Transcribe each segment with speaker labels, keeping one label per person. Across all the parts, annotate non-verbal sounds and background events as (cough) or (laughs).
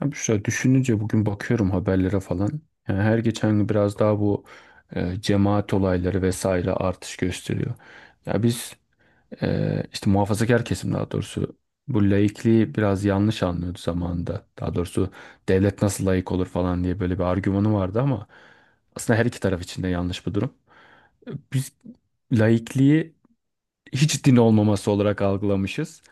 Speaker 1: Ya Büşra düşününce bugün bakıyorum haberlere falan. Yani her geçen gün biraz daha bu cemaat olayları vesaire artış gösteriyor. Ya biz işte muhafazakar kesim, daha doğrusu bu laikliği biraz yanlış anlıyordu zamanında. Daha doğrusu devlet nasıl laik olur falan diye böyle bir argümanı vardı, ama aslında her iki taraf için de yanlış bu durum. Biz laikliği hiç din olmaması olarak algılamışız.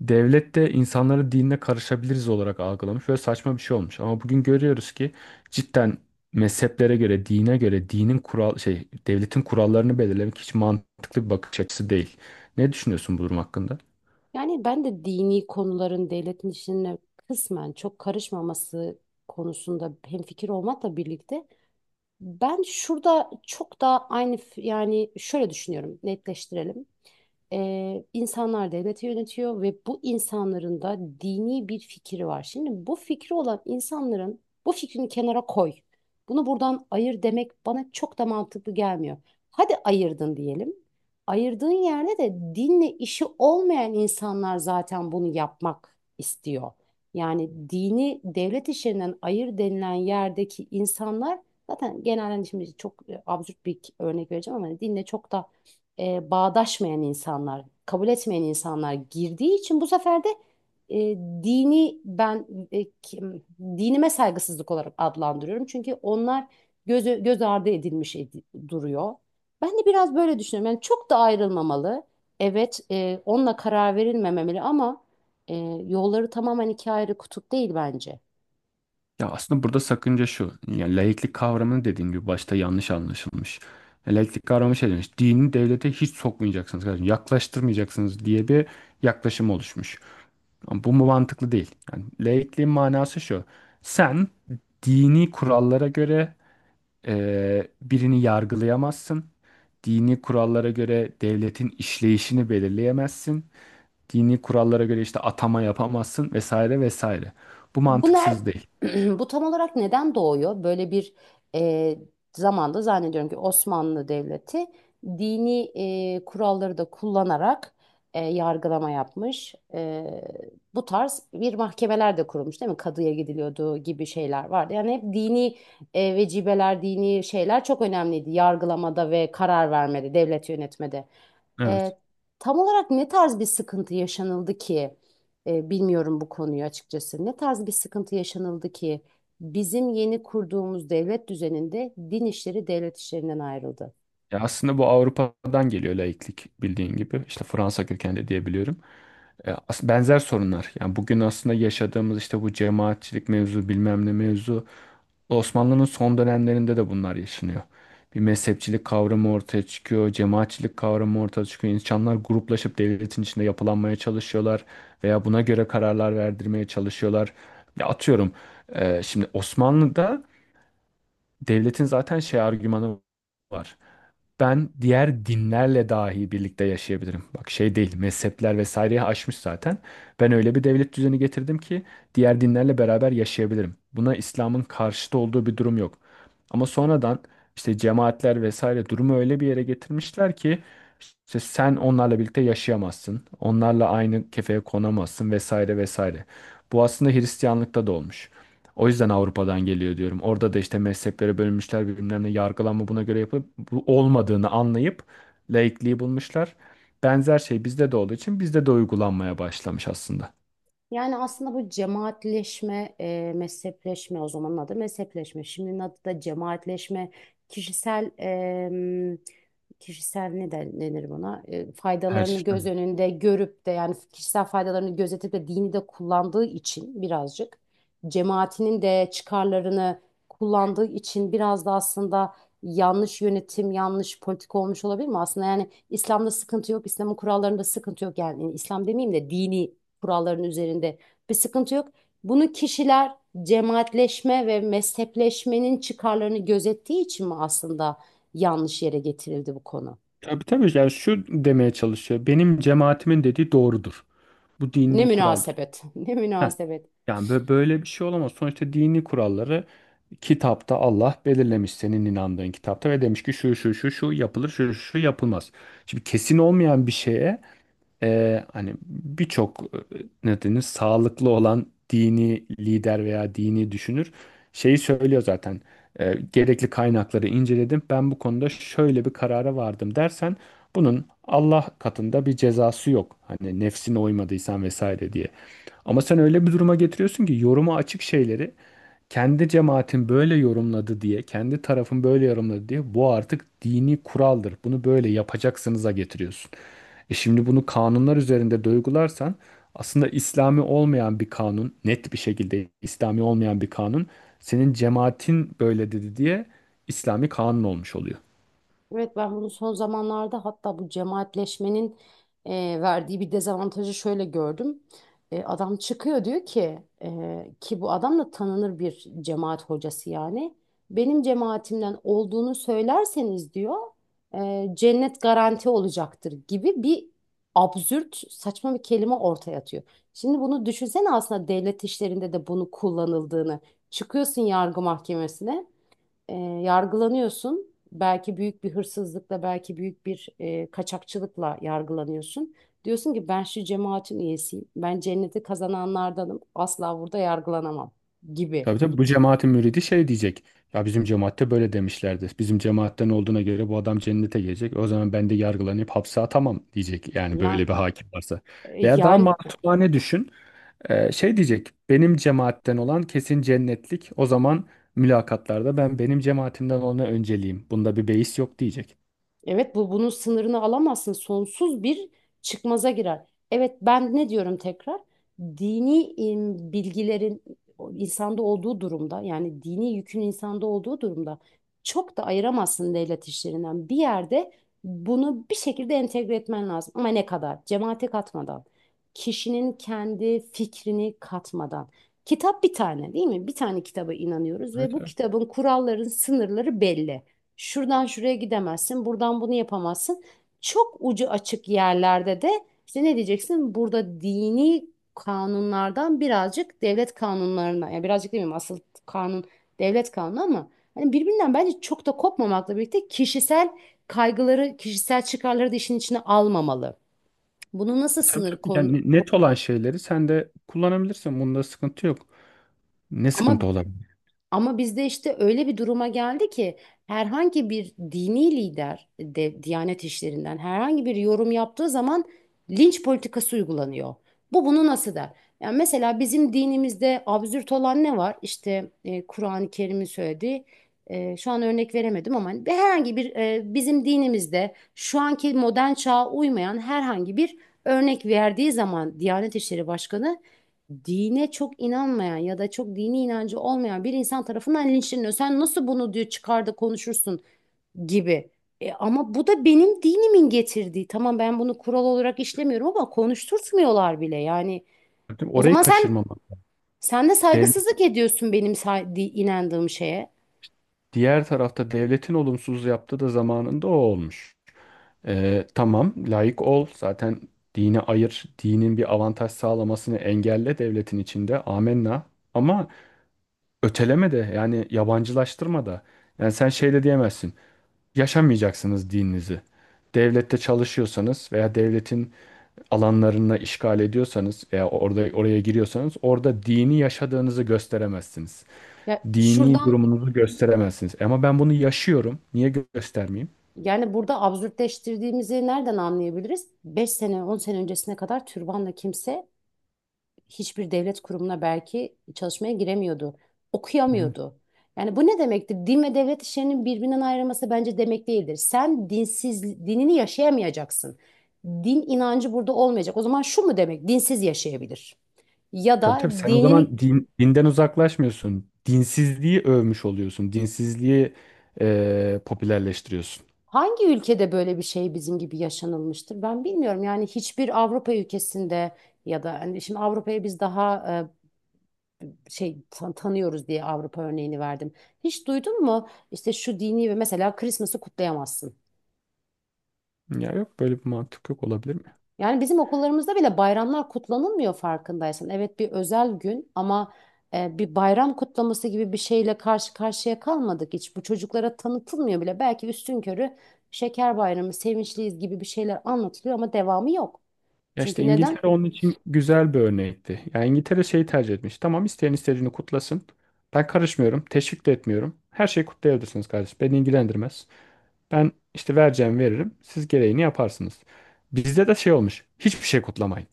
Speaker 1: Devlet de insanları dinine karışabiliriz olarak algılamış. Böyle saçma bir şey olmuş. Ama bugün görüyoruz ki cidden mezheplere göre, dine göre, dinin kural şey, devletin kurallarını belirlemek hiç mantıklı bir bakış açısı değil. Ne düşünüyorsun bu durum hakkında?
Speaker 2: Yani ben de dini konuların devletin işine kısmen çok karışmaması konusunda hemfikir olmakla birlikte ben şurada çok daha aynı yani şöyle düşünüyorum, netleştirelim. İnsanlar devleti yönetiyor ve bu insanların da dini bir fikri var. Şimdi bu fikri olan insanların bu fikrini kenara koy. Bunu buradan ayır demek bana çok da mantıklı gelmiyor. Hadi ayırdın diyelim. Ayırdığın yerde de dinle işi olmayan insanlar zaten bunu yapmak istiyor. Yani dini devlet işlerinden ayır denilen yerdeki insanlar zaten genelde şimdi çok absürt bir örnek vereceğim ama hani dinle çok da bağdaşmayan insanlar, kabul etmeyen insanlar girdiği için bu sefer de e, dini ben dinime saygısızlık olarak adlandırıyorum. Çünkü onlar göz ardı edilmiş duruyor. Ben de biraz böyle düşünüyorum. Yani çok da ayrılmamalı. Evet, onunla karar verilmemeli ama e, yolları tamamen iki ayrı kutup değil bence.
Speaker 1: Ya aslında burada sakınca şu. Yani laiklik kavramını dediğim gibi başta yanlış anlaşılmış. Ya laiklik kavramı şey demiş. Dini devlete hiç sokmayacaksınız kardeşim. Yaklaştırmayacaksınız diye bir yaklaşım oluşmuş. Ama bu mu mantıklı değil. Yani laikliğin manası şu. Sen dini kurallara göre birini yargılayamazsın. Dini kurallara göre devletin işleyişini belirleyemezsin. Dini kurallara göre işte atama yapamazsın vesaire vesaire. Bu
Speaker 2: Bu ner
Speaker 1: mantıksız değil.
Speaker 2: (clears throat) bu tam olarak neden doğuyor? Böyle bir e, zamanda zannediyorum ki Osmanlı Devleti dini kuralları da kullanarak yargılama yapmış. Bu tarz bir mahkemeler de kurulmuş değil mi? Kadıya gidiliyordu gibi şeyler vardı. Yani hep dini vecibeler, dini şeyler çok önemliydi yargılamada ve karar vermede, devlet yönetmede.
Speaker 1: Evet.
Speaker 2: E, Tam olarak ne tarz bir sıkıntı yaşanıldı ki? Bilmiyorum bu konuyu açıkçası. Ne tarz bir sıkıntı yaşanıldı ki bizim yeni kurduğumuz devlet düzeninde din işleri devlet işlerinden ayrıldı?
Speaker 1: Ya aslında bu Avrupa'dan geliyor laiklik, bildiğin gibi. İşte Fransa kökenli diyebiliyorum. Benzer sorunlar. Yani bugün aslında yaşadığımız işte bu cemaatçilik mevzu bilmem ne mevzu Osmanlı'nın son dönemlerinde de bunlar yaşanıyor. Bir mezhepçilik kavramı ortaya çıkıyor, cemaatçilik kavramı ortaya çıkıyor. İnsanlar gruplaşıp devletin içinde yapılanmaya çalışıyorlar veya buna göre kararlar verdirmeye çalışıyorlar. Ya atıyorum, şimdi Osmanlı'da devletin zaten şey argümanı var, ben diğer dinlerle dahi birlikte yaşayabilirim. Bak şey değil, mezhepler vesaireyi aşmış zaten. Ben öyle bir devlet düzeni getirdim ki diğer dinlerle beraber yaşayabilirim. Buna İslam'ın karşıtı olduğu bir durum yok. Ama sonradan işte cemaatler vesaire durumu öyle bir yere getirmişler ki işte sen onlarla birlikte yaşayamazsın. Onlarla aynı kefeye konamazsın vesaire vesaire. Bu aslında Hristiyanlıkta da olmuş. O yüzden Avrupa'dan geliyor diyorum. Orada da işte mezheplere bölünmüşler, birbirlerine yargılanma buna göre yapıp bu olmadığını anlayıp laikliği bulmuşlar. Benzer şey bizde de olduğu için bizde de uygulanmaya başlamış aslında.
Speaker 2: Yani aslında bu cemaatleşme, mezhepleşme, o zamanın adı mezhepleşme. Şimdinin adı da cemaatleşme, kişisel em, kişisel denir buna?
Speaker 1: Her
Speaker 2: Faydalarını göz önünde görüp de, yani kişisel faydalarını gözetip de dini de kullandığı için, birazcık cemaatinin de çıkarlarını kullandığı için biraz da aslında yanlış yönetim, yanlış politika olmuş olabilir mi? Aslında yani İslam'da sıkıntı yok, İslam'ın kurallarında sıkıntı yok. Yani İslam demeyeyim de dini kuralların üzerinde bir sıkıntı yok. Bunu kişiler cemaatleşme ve mezhepleşmenin çıkarlarını gözettiği için mi aslında yanlış yere getirildi bu konu?
Speaker 1: tabii tabii yani şu demeye çalışıyor. Benim cemaatimin dediği doğrudur. Bu
Speaker 2: Ne
Speaker 1: dini kuraldır.
Speaker 2: münasebet, (laughs) ne
Speaker 1: Heh,
Speaker 2: münasebet.
Speaker 1: yani böyle bir şey olamaz. Sonuçta dini kuralları kitapta Allah belirlemiş, senin inandığın kitapta, ve demiş ki şu şu şu şu yapılır, şu şu şu yapılmaz. Şimdi kesin olmayan bir şeye hani birçok ne denir sağlıklı olan dini lider veya dini düşünür şeyi söylüyor zaten. E, gerekli kaynakları inceledim. Ben bu konuda şöyle bir karara vardım dersen bunun Allah katında bir cezası yok. Hani nefsine uymadıysan vesaire diye. Ama sen öyle bir duruma getiriyorsun ki yoruma açık şeyleri kendi cemaatin böyle yorumladı diye, kendi tarafın böyle yorumladı diye bu artık dini kuraldır. Bunu böyle yapacaksınıza getiriyorsun. E şimdi bunu kanunlar üzerinde duygularsan aslında İslami olmayan bir kanun, net bir şekilde İslami olmayan bir kanun, senin cemaatin böyle dedi diye İslami kanun olmuş oluyor.
Speaker 2: Evet, ben bunu son zamanlarda hatta bu cemaatleşmenin e, verdiği bir dezavantajı şöyle gördüm. Adam çıkıyor diyor ki, ki bu adam da tanınır bir cemaat hocası yani. Benim cemaatimden olduğunu söylerseniz diyor, cennet garanti olacaktır gibi bir absürt, saçma bir kelime ortaya atıyor. Şimdi bunu düşünsene, aslında devlet işlerinde de bunu kullanıldığını. Çıkıyorsun yargı mahkemesine, e, yargılanıyorsun. Belki büyük bir hırsızlıkla, belki büyük bir kaçakçılıkla yargılanıyorsun. Diyorsun ki ben şu cemaatin üyesiyim. Ben cenneti kazananlardanım. Asla burada yargılanamam gibi.
Speaker 1: Tabii tabii bu cemaatin müridi şey diyecek. Ya bizim cemaatte böyle demişlerdi. Bizim cemaatten olduğuna göre bu adam cennete gelecek. O zaman ben de yargılanıp hapse atamam diyecek. Yani böyle
Speaker 2: Ya,
Speaker 1: bir hakim varsa.
Speaker 2: e,
Speaker 1: Veya daha
Speaker 2: yani
Speaker 1: masumane düşün. Şey diyecek, benim cemaatten olan kesin cennetlik. O zaman mülakatlarda ben benim cemaatimden olana önceliyim. Bunda bir beis yok diyecek.
Speaker 2: Evet, bu bunun sınırını alamazsın. Sonsuz bir çıkmaza girer. Evet, ben ne diyorum tekrar? Bilgilerin insanda olduğu durumda, yani dini yükün insanda olduğu durumda çok da ayıramazsın devlet işlerinden. Bir yerde bunu bir şekilde entegre etmen lazım. Ama ne kadar? Cemaate katmadan. Kişinin kendi fikrini katmadan. Kitap bir tane değil mi? Bir tane kitaba inanıyoruz ve
Speaker 1: Evet,
Speaker 2: bu
Speaker 1: evet.
Speaker 2: kitabın kuralların sınırları belli. Şuradan şuraya gidemezsin, buradan bunu yapamazsın. Çok ucu açık yerlerde de işte ne diyeceksin? Burada dini kanunlardan birazcık devlet kanunlarına, yani birazcık demeyeyim, asıl kanun devlet kanunu ama hani birbirinden bence çok da kopmamakla birlikte kişisel kaygıları, kişisel çıkarları da işin içine almamalı. Bunu nasıl
Speaker 1: Tabii
Speaker 2: sınır
Speaker 1: tabii
Speaker 2: konu
Speaker 1: yani net olan şeyleri sen de kullanabilirsin. Bunda sıkıntı yok. Ne sıkıntı
Speaker 2: ama
Speaker 1: olabilir?
Speaker 2: Ama bizde işte öyle bir duruma geldi ki herhangi bir dini lider de Diyanet işlerinden herhangi bir yorum yaptığı zaman linç politikası uygulanıyor. Bu bunu nasıl der? Yani mesela bizim dinimizde absürt olan ne var? İşte Kur'an-ı Kerim'in söylediği, şu an örnek veremedim ama hani herhangi bir, bizim dinimizde şu anki modern çağa uymayan herhangi bir örnek verdiği zaman Diyanet İşleri Başkanı dine çok inanmayan ya da çok dini inancı olmayan bir insan tarafından linçleniyor. Sen nasıl bunu, diyor, çıkar da konuşursun gibi. Ama bu da benim dinimin getirdiği. Tamam, ben bunu kural olarak işlemiyorum ama konuşturtmuyorlar bile. Yani
Speaker 1: Değil mi?
Speaker 2: o
Speaker 1: Orayı
Speaker 2: zaman sen
Speaker 1: kaçırmamak.
Speaker 2: sen de
Speaker 1: Dev,
Speaker 2: saygısızlık ediyorsun benim inandığım şeye.
Speaker 1: Diğer tarafta devletin olumsuz yaptığı da zamanında o olmuş. Tamam layık ol. Zaten dini ayır. Dinin bir avantaj sağlamasını engelle devletin içinde. Amenna. Ama öteleme de yani yabancılaştırma da. Yani sen şey de diyemezsin. Yaşamayacaksınız dininizi. Devlette çalışıyorsanız veya devletin alanlarına işgal ediyorsanız veya orada oraya giriyorsanız orada dini yaşadığınızı gösteremezsiniz.
Speaker 2: Ya
Speaker 1: Dini
Speaker 2: şuradan
Speaker 1: durumunuzu gösteremezsiniz. Ama ben bunu yaşıyorum. Niye göstermeyeyim?
Speaker 2: Yani burada absürtleştirdiğimizi nereden anlayabiliriz? 5 sene 10 sene öncesine kadar türbanla kimse hiçbir devlet kurumuna belki çalışmaya giremiyordu.
Speaker 1: Yani.
Speaker 2: Okuyamıyordu. Yani bu ne demektir? Din ve devlet işlerinin birbirinden ayrılması bence demek değildir. Sen dinsiz, dinini yaşayamayacaksın. Din inancı burada olmayacak. O zaman şu mu demek? Dinsiz yaşayabilir. Ya
Speaker 1: Tabii
Speaker 2: da
Speaker 1: tabii sen o
Speaker 2: dinini
Speaker 1: zaman din, dinden uzaklaşmıyorsun. Dinsizliği övmüş oluyorsun. Dinsizliği popülerleştiriyorsun.
Speaker 2: Hangi ülkede böyle bir şey bizim gibi yaşanılmıştır? Ben bilmiyorum. Yani hiçbir Avrupa ülkesinde ya da hani, şimdi Avrupa'ya biz daha şey, tanıyoruz diye Avrupa örneğini verdim. Hiç duydun mu? İşte şu dini, ve mesela Christmas'ı kutlayamazsın.
Speaker 1: Ya yok böyle bir mantık, yok olabilir mi?
Speaker 2: Yani bizim okullarımızda bile bayramlar kutlanılmıyor, farkındaysan. Evet, bir özel gün ama bir bayram kutlaması gibi bir şeyle karşı karşıya kalmadık hiç. Bu çocuklara tanıtılmıyor bile. Belki üstünkörü şeker bayramı, sevinçliyiz gibi bir şeyler anlatılıyor ama devamı yok.
Speaker 1: Ya işte
Speaker 2: Çünkü neden?
Speaker 1: İngiltere onun için güzel bir örnekti. Ya İngiltere şeyi tercih etmiş. Tamam, isteyen istediğini kutlasın. Ben karışmıyorum. Teşvik de etmiyorum. Her şeyi kutlayabilirsiniz kardeşim. Beni ilgilendirmez. Ben işte vereceğim veririm. Siz gereğini yaparsınız. Bizde de şey olmuş. Hiçbir şey kutlamayın.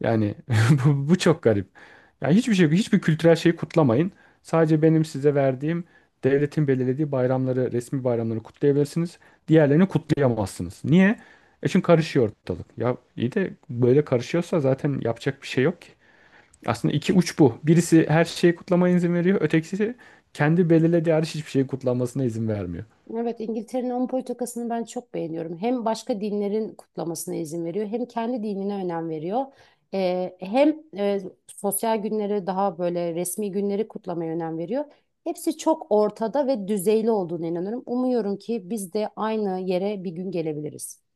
Speaker 1: Yani (laughs) bu çok garip. Yani hiçbir şey, hiçbir kültürel şeyi kutlamayın. Sadece benim size verdiğim devletin belirlediği bayramları, resmi bayramları kutlayabilirsiniz. Diğerlerini kutlayamazsınız. Niye? E çünkü karışıyor ortalık. Ya iyi de böyle karışıyorsa zaten yapacak bir şey yok ki. Aslında iki uç bu. Birisi her şeyi kutlamaya izin veriyor. Ötekisi kendi belirlediği hariç hiçbir şeyi kutlanmasına izin vermiyor.
Speaker 2: Evet, İngiltere'nin onun politikasını ben çok beğeniyorum. Hem başka dinlerin kutlamasına izin veriyor, hem kendi dinine önem veriyor. Hem sosyal günleri, daha böyle resmi günleri kutlamaya önem veriyor. Hepsi çok ortada ve düzeyli olduğuna inanıyorum. Umuyorum ki biz de aynı yere bir gün gelebiliriz.